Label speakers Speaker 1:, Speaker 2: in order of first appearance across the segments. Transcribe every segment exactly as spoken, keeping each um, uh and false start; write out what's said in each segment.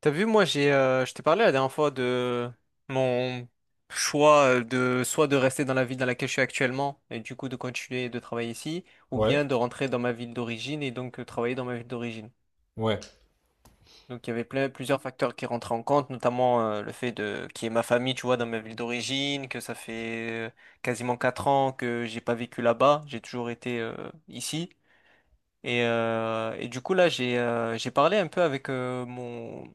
Speaker 1: T'as vu, moi, j'ai, euh, je t'ai parlé la dernière fois de mon choix euh, de soit de rester dans la ville dans laquelle je suis actuellement et du coup de continuer de travailler ici, ou
Speaker 2: Ouais,
Speaker 1: bien de rentrer dans ma ville d'origine et donc euh, travailler dans ma ville d'origine.
Speaker 2: ouais,
Speaker 1: Donc il y avait plein, plusieurs facteurs qui rentraient en compte, notamment euh, le fait de qu'il y ait ma famille, tu vois, dans ma ville d'origine, que ça fait euh, quasiment quatre ans que j'ai pas vécu là-bas, j'ai toujours été euh, ici. Et, euh, et du coup, là, j'ai euh, j'ai parlé un peu avec euh, mon,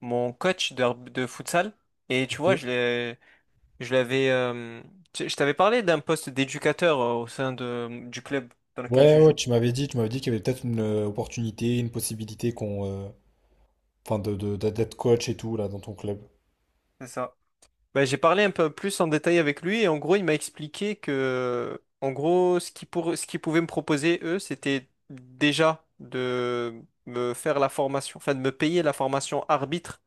Speaker 1: mon coach de, de futsal. Et tu vois,
Speaker 2: ok.
Speaker 1: je l'ai, je l'avais, euh, tu- je t'avais parlé d'un poste d'éducateur euh, au sein de, du club dans lequel
Speaker 2: Ouais,
Speaker 1: je
Speaker 2: ouais,
Speaker 1: joue.
Speaker 2: tu m'avais dit, tu m'avais dit qu'il y avait peut-être une euh, opportunité, une possibilité qu'on, euh, enfin, de, de- de- d'être coach et tout là dans ton club.
Speaker 1: C'est ça. Ben, j'ai parlé un peu plus en détail avec lui et en gros, il m'a expliqué que, en gros, ce qui pour, ce qu'ils pouvaient me proposer, eux, c'était déjà de me faire la formation, enfin de me payer la formation arbitre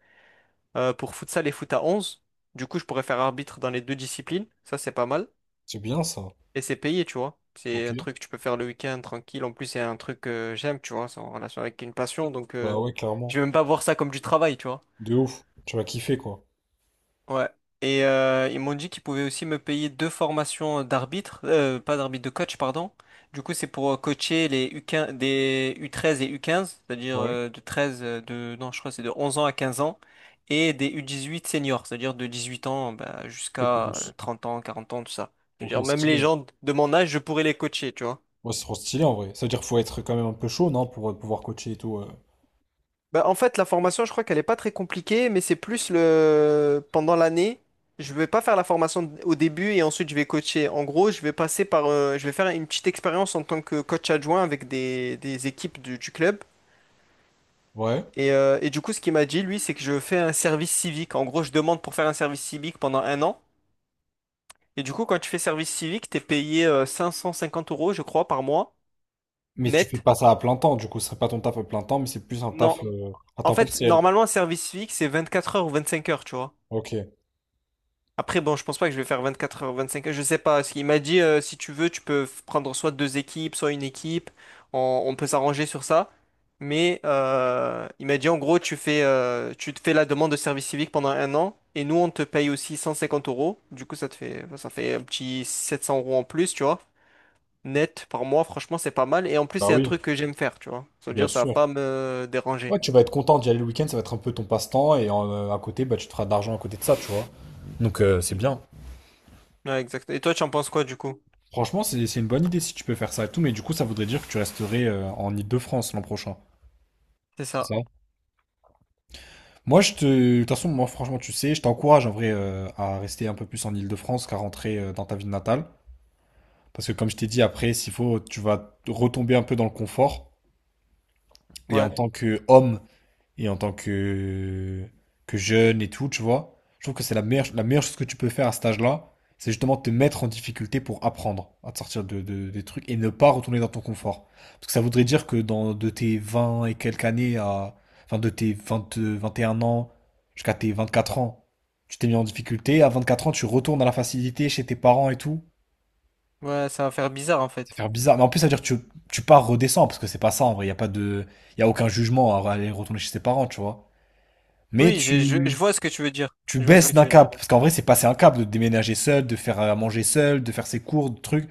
Speaker 1: euh, pour futsal et foot à onze. Du coup, je pourrais faire arbitre dans les deux disciplines. Ça, c'est pas mal.
Speaker 2: C'est bien ça.
Speaker 1: Et c'est payé, tu vois.
Speaker 2: Ok.
Speaker 1: C'est un truc que tu peux faire le week-end tranquille. En plus, c'est un truc que j'aime, tu vois. C'est en relation avec une passion. Donc, euh,
Speaker 2: Bah ouais,
Speaker 1: je
Speaker 2: clairement.
Speaker 1: vais même pas voir ça comme du travail, tu vois.
Speaker 2: De ouf. Tu vas kiffer quoi.
Speaker 1: Ouais. Et euh, ils m'ont dit qu'ils pouvaient aussi me payer deux formations d'arbitre, euh, pas d'arbitre, de coach, pardon. Du coup, c'est pour euh, coacher les U quinze, des U treize et U quinze, c'est-à-dire
Speaker 2: Ouais.
Speaker 1: euh, de treize euh, de, non, je crois que c'est de onze ans à quinze ans, et des U dix-huit seniors, c'est-à-dire de dix-huit ans bah,
Speaker 2: Et
Speaker 1: jusqu'à euh,
Speaker 2: plus.
Speaker 1: trente ans, quarante ans, tout ça.
Speaker 2: Ok,
Speaker 1: C'est-à-dire même les
Speaker 2: stylé.
Speaker 1: gens de mon âge, je pourrais les coacher, tu vois.
Speaker 2: Ouais, c'est trop stylé en vrai. Ça veut dire qu'il faut être quand même un peu chaud, non, pour euh, pouvoir coacher et tout. euh.
Speaker 1: Bah, en fait, la formation, je crois qu'elle est pas très compliquée, mais c'est plus le pendant l'année. Je vais pas faire la formation au début et ensuite je vais coacher. En gros, je vais passer par, euh, je vais faire une petite expérience en tant que coach adjoint avec des, des équipes du, du club.
Speaker 2: Ouais.
Speaker 1: Et, euh, et du coup, ce qu'il m'a dit, lui, c'est que je fais un service civique. En gros, je demande pour faire un service civique pendant un an. Et du coup, quand tu fais service civique, t'es payé euh, cinq cent cinquante euros, je crois, par mois,
Speaker 2: Mais tu fais
Speaker 1: net.
Speaker 2: pas ça à plein temps. Du coup, ce serait pas ton taf à plein temps, mais c'est plus un
Speaker 1: Non.
Speaker 2: taf euh, à
Speaker 1: En
Speaker 2: temps
Speaker 1: fait,
Speaker 2: partiel.
Speaker 1: normalement, un service civique, c'est vingt-quatre heures ou vingt-cinq heures, tu vois.
Speaker 2: Ok.
Speaker 1: Après, bon, je pense pas que je vais faire vingt-quatre heures, vingt-cinq heures, je sais pas. Il m'a dit, euh, si tu veux, tu peux f- prendre soit deux équipes, soit une équipe. On, on peut s'arranger sur ça. Mais euh, il m'a dit, en gros, tu fais, euh, tu te fais la demande de service civique pendant un an. Et nous, on te paye aussi cent cinquante euros. Du coup, ça te fait, ça fait un petit sept cents euros en plus, tu vois. Net par mois, franchement, c'est pas mal. Et en plus,
Speaker 2: Bah
Speaker 1: c'est un
Speaker 2: oui,
Speaker 1: truc que j'aime faire, tu vois. Ça veut
Speaker 2: bien
Speaker 1: dire, ça va
Speaker 2: sûr.
Speaker 1: pas me déranger.
Speaker 2: Ouais, tu vas être content d'y aller le week-end, ça va être un peu ton passe-temps, et euh, à côté, bah, tu te feras de l'argent à côté de ça, tu vois. Donc euh, c'est bien.
Speaker 1: Ouais, exact. Et toi, tu en penses quoi, du coup?
Speaker 2: Franchement, c'est c'est une bonne idée si tu peux faire ça et tout, mais du coup, ça voudrait dire que tu resterais euh, en Île-de-France l'an prochain.
Speaker 1: C'est
Speaker 2: C'est
Speaker 1: ça.
Speaker 2: ça? Moi, je te... De toute façon, moi, franchement, tu sais, je t'encourage en vrai euh, à rester un peu plus en Île-de-France qu'à rentrer euh, dans ta ville natale. Parce que comme je t'ai dit, après, s'il faut, tu vas retomber un peu dans le confort. Et en
Speaker 1: Ouais.
Speaker 2: tant qu'homme et en tant que, que jeune et tout, tu vois. Je trouve que c'est la meilleure, la meilleure chose que tu peux faire à cet âge-là, c'est justement te mettre en difficulté pour apprendre à te sortir de, de- des trucs et ne pas retourner dans ton confort. Parce que ça voudrait dire que dans, de tes vingt et quelques années à, enfin de tes vingt vingt et un ans jusqu'à tes vingt quatre ans, tu t'es mis en difficulté. À vingt quatre ans, tu retournes à la facilité chez tes parents et tout.
Speaker 1: Ouais, ça va faire bizarre, en
Speaker 2: Ça
Speaker 1: fait.
Speaker 2: fait bizarre. Mais en plus, ça veut dire que tu, tu pars redescends parce que c'est pas ça en vrai. Il y a pas de, il y a aucun jugement à aller retourner chez ses parents, tu vois. Mais
Speaker 1: Oui, je, je, je
Speaker 2: tu,
Speaker 1: vois ce que tu veux dire.
Speaker 2: tu
Speaker 1: Je vois ce que
Speaker 2: baisses d'un
Speaker 1: tu veux dire.
Speaker 2: cap. Parce qu'en vrai, c'est passer un cap de déménager seul, de faire à manger seul, de faire ses cours, de trucs.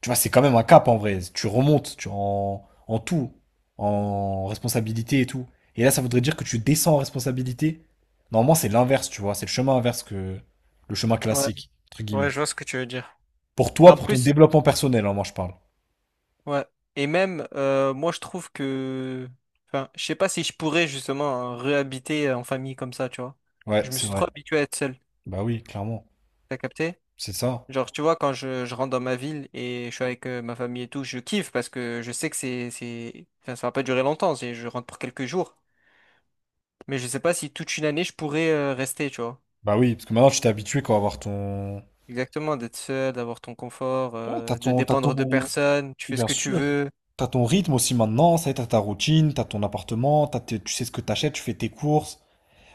Speaker 2: Tu vois, c'est quand même un cap en vrai. Tu remontes tu en, en tout, en responsabilité et tout. Et là, ça voudrait dire que tu descends en responsabilité. Normalement, c'est l'inverse, tu vois. C'est le chemin inverse que le chemin
Speaker 1: Ouais,
Speaker 2: classique, entre
Speaker 1: ouais,
Speaker 2: guillemets.
Speaker 1: je vois ce que tu veux dire.
Speaker 2: Pour toi,
Speaker 1: En
Speaker 2: pour ton
Speaker 1: plus,
Speaker 2: développement personnel, hein, moi, je parle.
Speaker 1: ouais. Et même, euh, moi, je trouve que, enfin, je sais pas si je pourrais justement euh, réhabiter en famille comme ça, tu vois.
Speaker 2: Ouais,
Speaker 1: Je me
Speaker 2: c'est
Speaker 1: suis trop
Speaker 2: vrai.
Speaker 1: habitué à être seul.
Speaker 2: Bah oui, clairement.
Speaker 1: T'as capté?
Speaker 2: C'est ça.
Speaker 1: Genre, tu vois, quand je, je rentre dans ma ville et je suis avec euh, ma famille et tout, je kiffe parce que je sais que c'est, c'est, enfin, ça va pas durer longtemps. C'est, je rentre pour quelques jours. Mais je sais pas si toute une année je pourrais euh, rester, tu vois.
Speaker 2: Bah oui, parce que maintenant, tu t'es habitué quoi, à avoir ton...
Speaker 1: Exactement, d'être seul, d'avoir ton confort,
Speaker 2: Ouais, t'as
Speaker 1: euh, de
Speaker 2: ton, t'as
Speaker 1: dépendre de
Speaker 2: ton...
Speaker 1: personne, tu fais ce
Speaker 2: Bien
Speaker 1: que tu
Speaker 2: sûr.
Speaker 1: veux.
Speaker 2: T'as ton rythme aussi maintenant, ça y est, t'as ta routine, t'as ton appartement, t'as tes- tu sais ce que t'achètes, tu fais tes courses.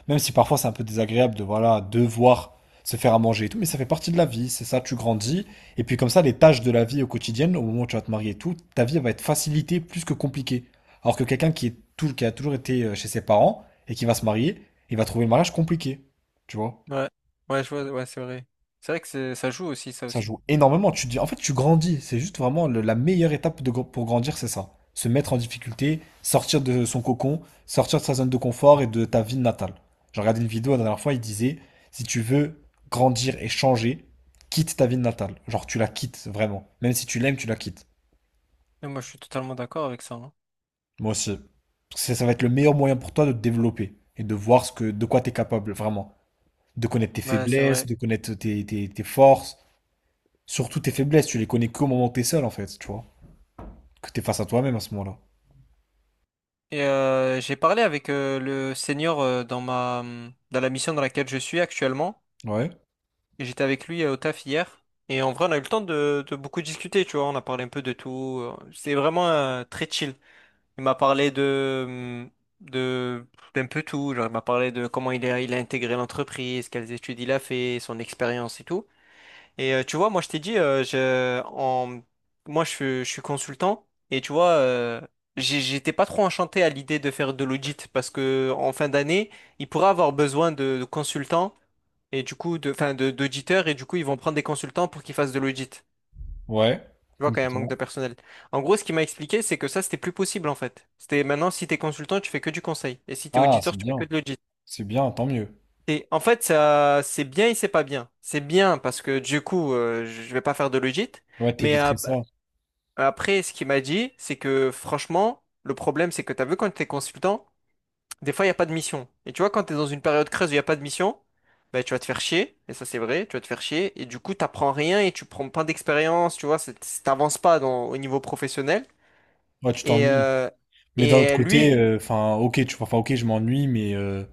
Speaker 2: Même si parfois c'est un peu désagréable de, voilà, devoir se faire à manger et tout, mais ça fait partie de la vie, c'est ça, tu grandis. Et puis comme ça, les tâches de la vie au quotidien, au moment où tu vas te marier et tout, ta vie elle va être facilitée plus que compliquée. Alors que quelqu'un qui est tout, qui a toujours été euh, chez ses parents et qui va se marier, il va trouver le mariage compliqué. Tu vois?
Speaker 1: Ouais, ouais, je vois, ouais, c'est vrai. C'est vrai que c'est- ça joue aussi, ça
Speaker 2: Ça
Speaker 1: aussi.
Speaker 2: joue énormément. Tu dis, en fait, tu grandis. C'est juste vraiment le- la meilleure étape de, gr- pour grandir, c'est ça. Se mettre en difficulté, sortir de son cocon, sortir de sa zone de confort et de ta ville natale. J'ai regardé une vidéo la dernière fois, il disait, si tu veux grandir et changer, quitte ta ville natale. Genre, tu la quittes vraiment. Même si tu l'aimes, tu la quittes.
Speaker 1: Et moi, je suis totalement d'accord avec ça, hein.
Speaker 2: Moi aussi. Parce que ça ça va être le meilleur moyen pour toi de te développer et de voir ce que, de quoi tu es capable, vraiment. De connaître tes
Speaker 1: Ouais, c'est
Speaker 2: faiblesses,
Speaker 1: vrai.
Speaker 2: de connaître tes, tes- tes forces. Surtout tes faiblesses, tu les connais qu'au moment où t'es seul, en fait, tu vois. que t'es face à toi-même à ce moment-là.
Speaker 1: Et euh, j'ai parlé avec euh, le senior euh, dans ma, hum, dans la mission dans laquelle je suis actuellement.
Speaker 2: Ouais,
Speaker 1: Et j'étais avec lui euh, au taf hier. Et en vrai, on a eu le temps de, de beaucoup discuter, tu vois. On a parlé un peu de tout. euh, C'est vraiment euh, très chill. Il m'a parlé de, de, d'un peu tout. Genre, il m'a parlé de comment il a, il a intégré l'entreprise, quelles études il a fait, son expérience et tout. Et euh, tu vois, moi, je t'ai dit, euh, je, en, moi, je, suis- je suis consultant. Et tu vois, euh, j'ai- j'étais pas trop enchanté à l'idée de faire de l'audit parce que en fin d'année, il pourra avoir besoin de, de consultants et du coup, de, enfin, de, d'auditeurs. Et du coup, ils vont prendre des consultants pour qu'ils fassent de l'audit.
Speaker 2: ouais,
Speaker 1: Tu vois, quand il y a un manque
Speaker 2: complètement.
Speaker 1: de personnel. En gros, ce qu'il m'a expliqué, c'est que ça, c'était plus possible, en fait. C'était maintenant, si t'es consultant, tu fais que du conseil. Et si t'es
Speaker 2: Ah,
Speaker 1: auditeur,
Speaker 2: c'est
Speaker 1: tu fais que
Speaker 2: bien,
Speaker 1: de l'audit.
Speaker 2: c'est bien, tant mieux.
Speaker 1: Et en fait, ça, c'est bien et c'est pas bien. C'est bien parce que du coup, euh, je vais pas faire de l'audit.
Speaker 2: Ouais,
Speaker 1: Mais
Speaker 2: t'éviterais
Speaker 1: ap-
Speaker 2: ça.
Speaker 1: après, ce qu'il m'a dit, c'est que franchement, le problème, c'est que t'as vu quand t'es consultant, des fois, il n'y a pas de mission. Et tu vois, quand t'es dans une période creuse où il n'y a pas de mission, bah, tu vas te faire chier. Et ça, c'est vrai, tu vas te faire chier. Et du coup, t'apprends rien et tu prends pas d'expérience. Tu vois, c'est- t'avances pas dans, au niveau professionnel.
Speaker 2: Ouais, tu
Speaker 1: Et,
Speaker 2: t'ennuies.
Speaker 1: euh,
Speaker 2: Mais d'un autre
Speaker 1: et
Speaker 2: côté,
Speaker 1: lui,
Speaker 2: euh, enfin, ok, tu vois, enfin ok, je m'ennuie, mais, euh,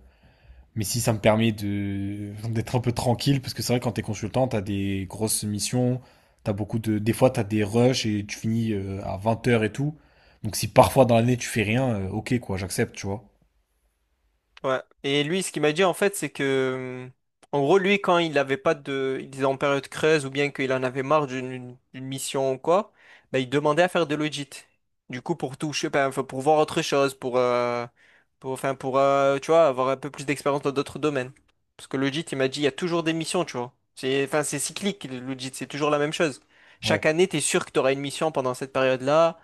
Speaker 2: mais si ça me permet de d'être un peu tranquille, parce que c'est vrai, quand t'es consultant, t'as des grosses missions, t'as beaucoup de, des fois, t'as des rushs et tu finis euh, à 20 heures et tout. Donc si parfois dans l'année tu fais rien, euh, ok, quoi, j'accepte, tu vois.
Speaker 1: ouais. Et lui, ce qu'il m'a dit en fait, c'est que, hum, en gros, lui, quand il n'avait pas de, il était en période creuse ou bien qu'il en avait marre d'une d'une mission ou quoi, bah, il demandait à faire de l'audit. Du coup, pour toucher, ben, enfin, pour voir autre chose, pour, euh, pour, enfin, pour, euh, tu vois, avoir un peu plus d'expérience dans d'autres domaines. Parce que l'audit, il m'a dit, il y a toujours des missions, tu vois. C'est, enfin, c'est cyclique, l'audit, c'est toujours la même chose.
Speaker 2: Ouais,
Speaker 1: Chaque année, tu es sûr que tu auras une mission pendant cette période-là.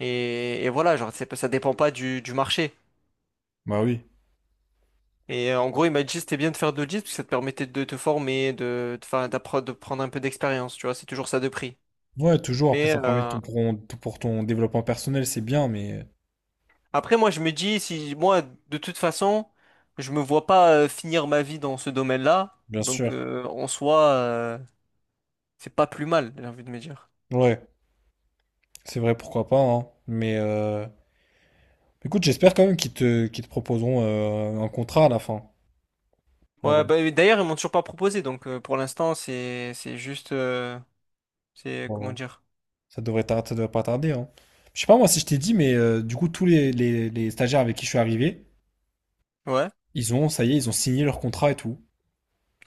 Speaker 1: Et, et voilà, genre, c'est pas- ça dépend pas du, du marché.
Speaker 2: bah oui.
Speaker 1: Et euh, en gros, il m'a dit c'était bien de faire deux l'audience parce que ça te permettait de te former, de, de, 'fin, d'appre- de prendre un peu d'expérience, tu vois, c'est toujours ça de prix.
Speaker 2: Ouais, toujours, après,
Speaker 1: Mais
Speaker 2: ça permet
Speaker 1: euh,
Speaker 2: tout pour, tout pour ton développement personnel, c'est bien, mais.
Speaker 1: après, moi, je me dis, si moi, de toute façon, je me vois pas euh, finir ma vie dans ce domaine-là,
Speaker 2: Bien sûr.
Speaker 1: donc euh, en soi, euh, c'est pas plus mal, j'ai envie de me dire.
Speaker 2: Ouais, c'est vrai, pourquoi pas, hein. Mais euh, écoute, j'espère quand même qu'ils te, qu'ils te proposeront euh, un contrat à la fin. En
Speaker 1: Ouais,
Speaker 2: vrai.
Speaker 1: bah, et d'ailleurs, ils m'ont toujours pas proposé, donc euh, pour l'instant, c'est c'est juste, euh, c'est
Speaker 2: Bon,
Speaker 1: comment
Speaker 2: euh,
Speaker 1: dire?
Speaker 2: ça devrait tar- ça devrait pas tarder, hein. Je sais pas moi si je t'ai dit, mais euh, du coup, tous les, les- les stagiaires avec qui je suis arrivé,
Speaker 1: Ouais,
Speaker 2: ils ont, ça y est, ils ont signé leur contrat et tout.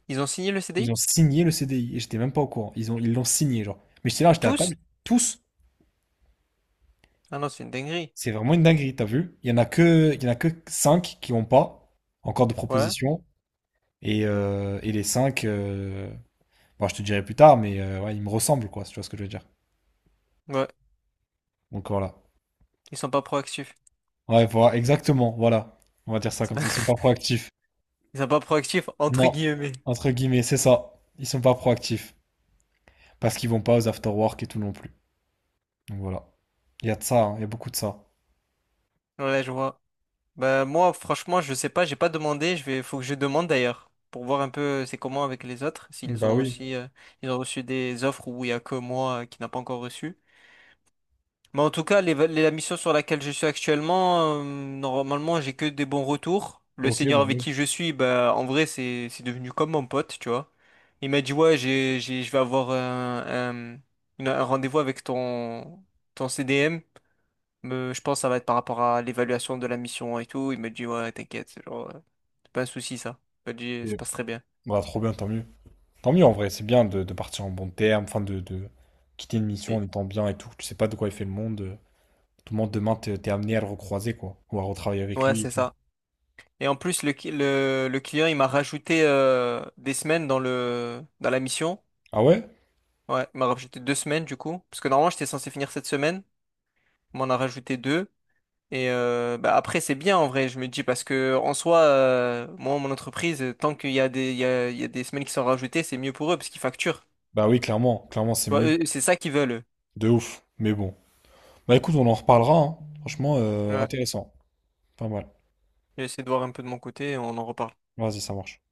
Speaker 1: ils ont signé le
Speaker 2: Ils ont
Speaker 1: C D I?
Speaker 2: signé le C D I et j'étais même pas au courant. Ils ont, ils l'ont signé, genre. Mais j'étais là, j'étais à
Speaker 1: Tous?
Speaker 2: table. Tous,
Speaker 1: Ah non, c'est une dinguerie.
Speaker 2: c'est vraiment une dinguerie, t'as vu? Il y en a que, il y en a que cinq qui ont pas encore de
Speaker 1: Ouais.
Speaker 2: proposition et, euh, et les cinq. euh, Bon, je te dirai plus tard, mais euh, ouais, ils me ressemblent, quoi, si tu vois ce que je veux dire.
Speaker 1: Ouais,
Speaker 2: Donc voilà.
Speaker 1: ils sont pas proactifs.
Speaker 2: Ouais, voilà, exactement, voilà. On va dire ça comme ça. Ils sont pas proactifs.
Speaker 1: Ils sont pas proactifs entre
Speaker 2: Non,
Speaker 1: guillemets.
Speaker 2: entre guillemets, c'est ça. Ils sont pas proactifs. Parce qu'ils vont pas aux after-work et tout non plus. Donc voilà. Il y a de ça, hein, il y a beaucoup de ça.
Speaker 1: Ouais, je vois. Bah moi, franchement, je sais pas, j'ai pas demandé. Je vais, faut que je demande d'ailleurs pour voir un peu euh, c'est comment avec les autres, s'ils
Speaker 2: Bah
Speaker 1: ont
Speaker 2: oui.
Speaker 1: aussi, euh, ils ont reçu des offres où il y a que moi euh, qui n'a pas encore reçu. Mais en tout cas, les- les- la mission sur laquelle je suis actuellement, euh, normalement, j'ai que des bons retours. Le
Speaker 2: Ok,
Speaker 1: seigneur
Speaker 2: bah
Speaker 1: avec
Speaker 2: oui.
Speaker 1: qui je suis, bah, en vrai, c'est c'est devenu comme mon pote, tu vois. Il m'a dit, ouais, j'ai, j'ai- je vais avoir un, un- une- un rendez-vous avec ton, ton C D M. Mais je pense que ça va être par rapport à l'évaluation de la mission et tout. Il m'a dit, ouais, t'inquiète, c'est genre, euh, c'est pas un souci, ça. Il m'a dit, ça
Speaker 2: Et-
Speaker 1: passe très bien.
Speaker 2: Bah, trop bien, tant mieux. Tant mieux en vrai, c'est bien de, de partir en bon terme, enfin de, de quitter une mission en
Speaker 1: Et-
Speaker 2: étant bien et tout. Tu sais pas de quoi il fait le monde. euh, Tout le monde demain, t'es t'es amené à le recroiser, quoi. Ou à retravailler avec
Speaker 1: ouais,
Speaker 2: lui et
Speaker 1: c'est
Speaker 2: tout.
Speaker 1: ça. Et en plus, le, cli- le, le client, il m'a rajouté euh, des semaines dans le, dans la mission.
Speaker 2: Ah ouais?
Speaker 1: Ouais, il m'a rajouté deux semaines du coup. Parce que normalement, j'étais censé finir cette semaine. On m'en a rajouté deux. Et euh, bah, après, c'est bien en vrai, je me dis, parce que en soi, euh, moi, mon entreprise, euh, tant qu'il y a des, il y a, il y a des semaines qui sont rajoutées, c'est mieux pour eux parce qu'ils facturent. Tu
Speaker 2: Bah oui, clairement, clairement, c'est
Speaker 1: vois,
Speaker 2: mieux.
Speaker 1: eux, c'est ça qu'ils veulent, eux.
Speaker 2: De ouf. Mais bon. Bah écoute, on en reparlera, hein. Franchement, euh,
Speaker 1: Ouais.
Speaker 2: intéressant. Pas mal.
Speaker 1: J'essaie de voir un peu de mon côté, on en reparle.
Speaker 2: Vas-y, ça marche.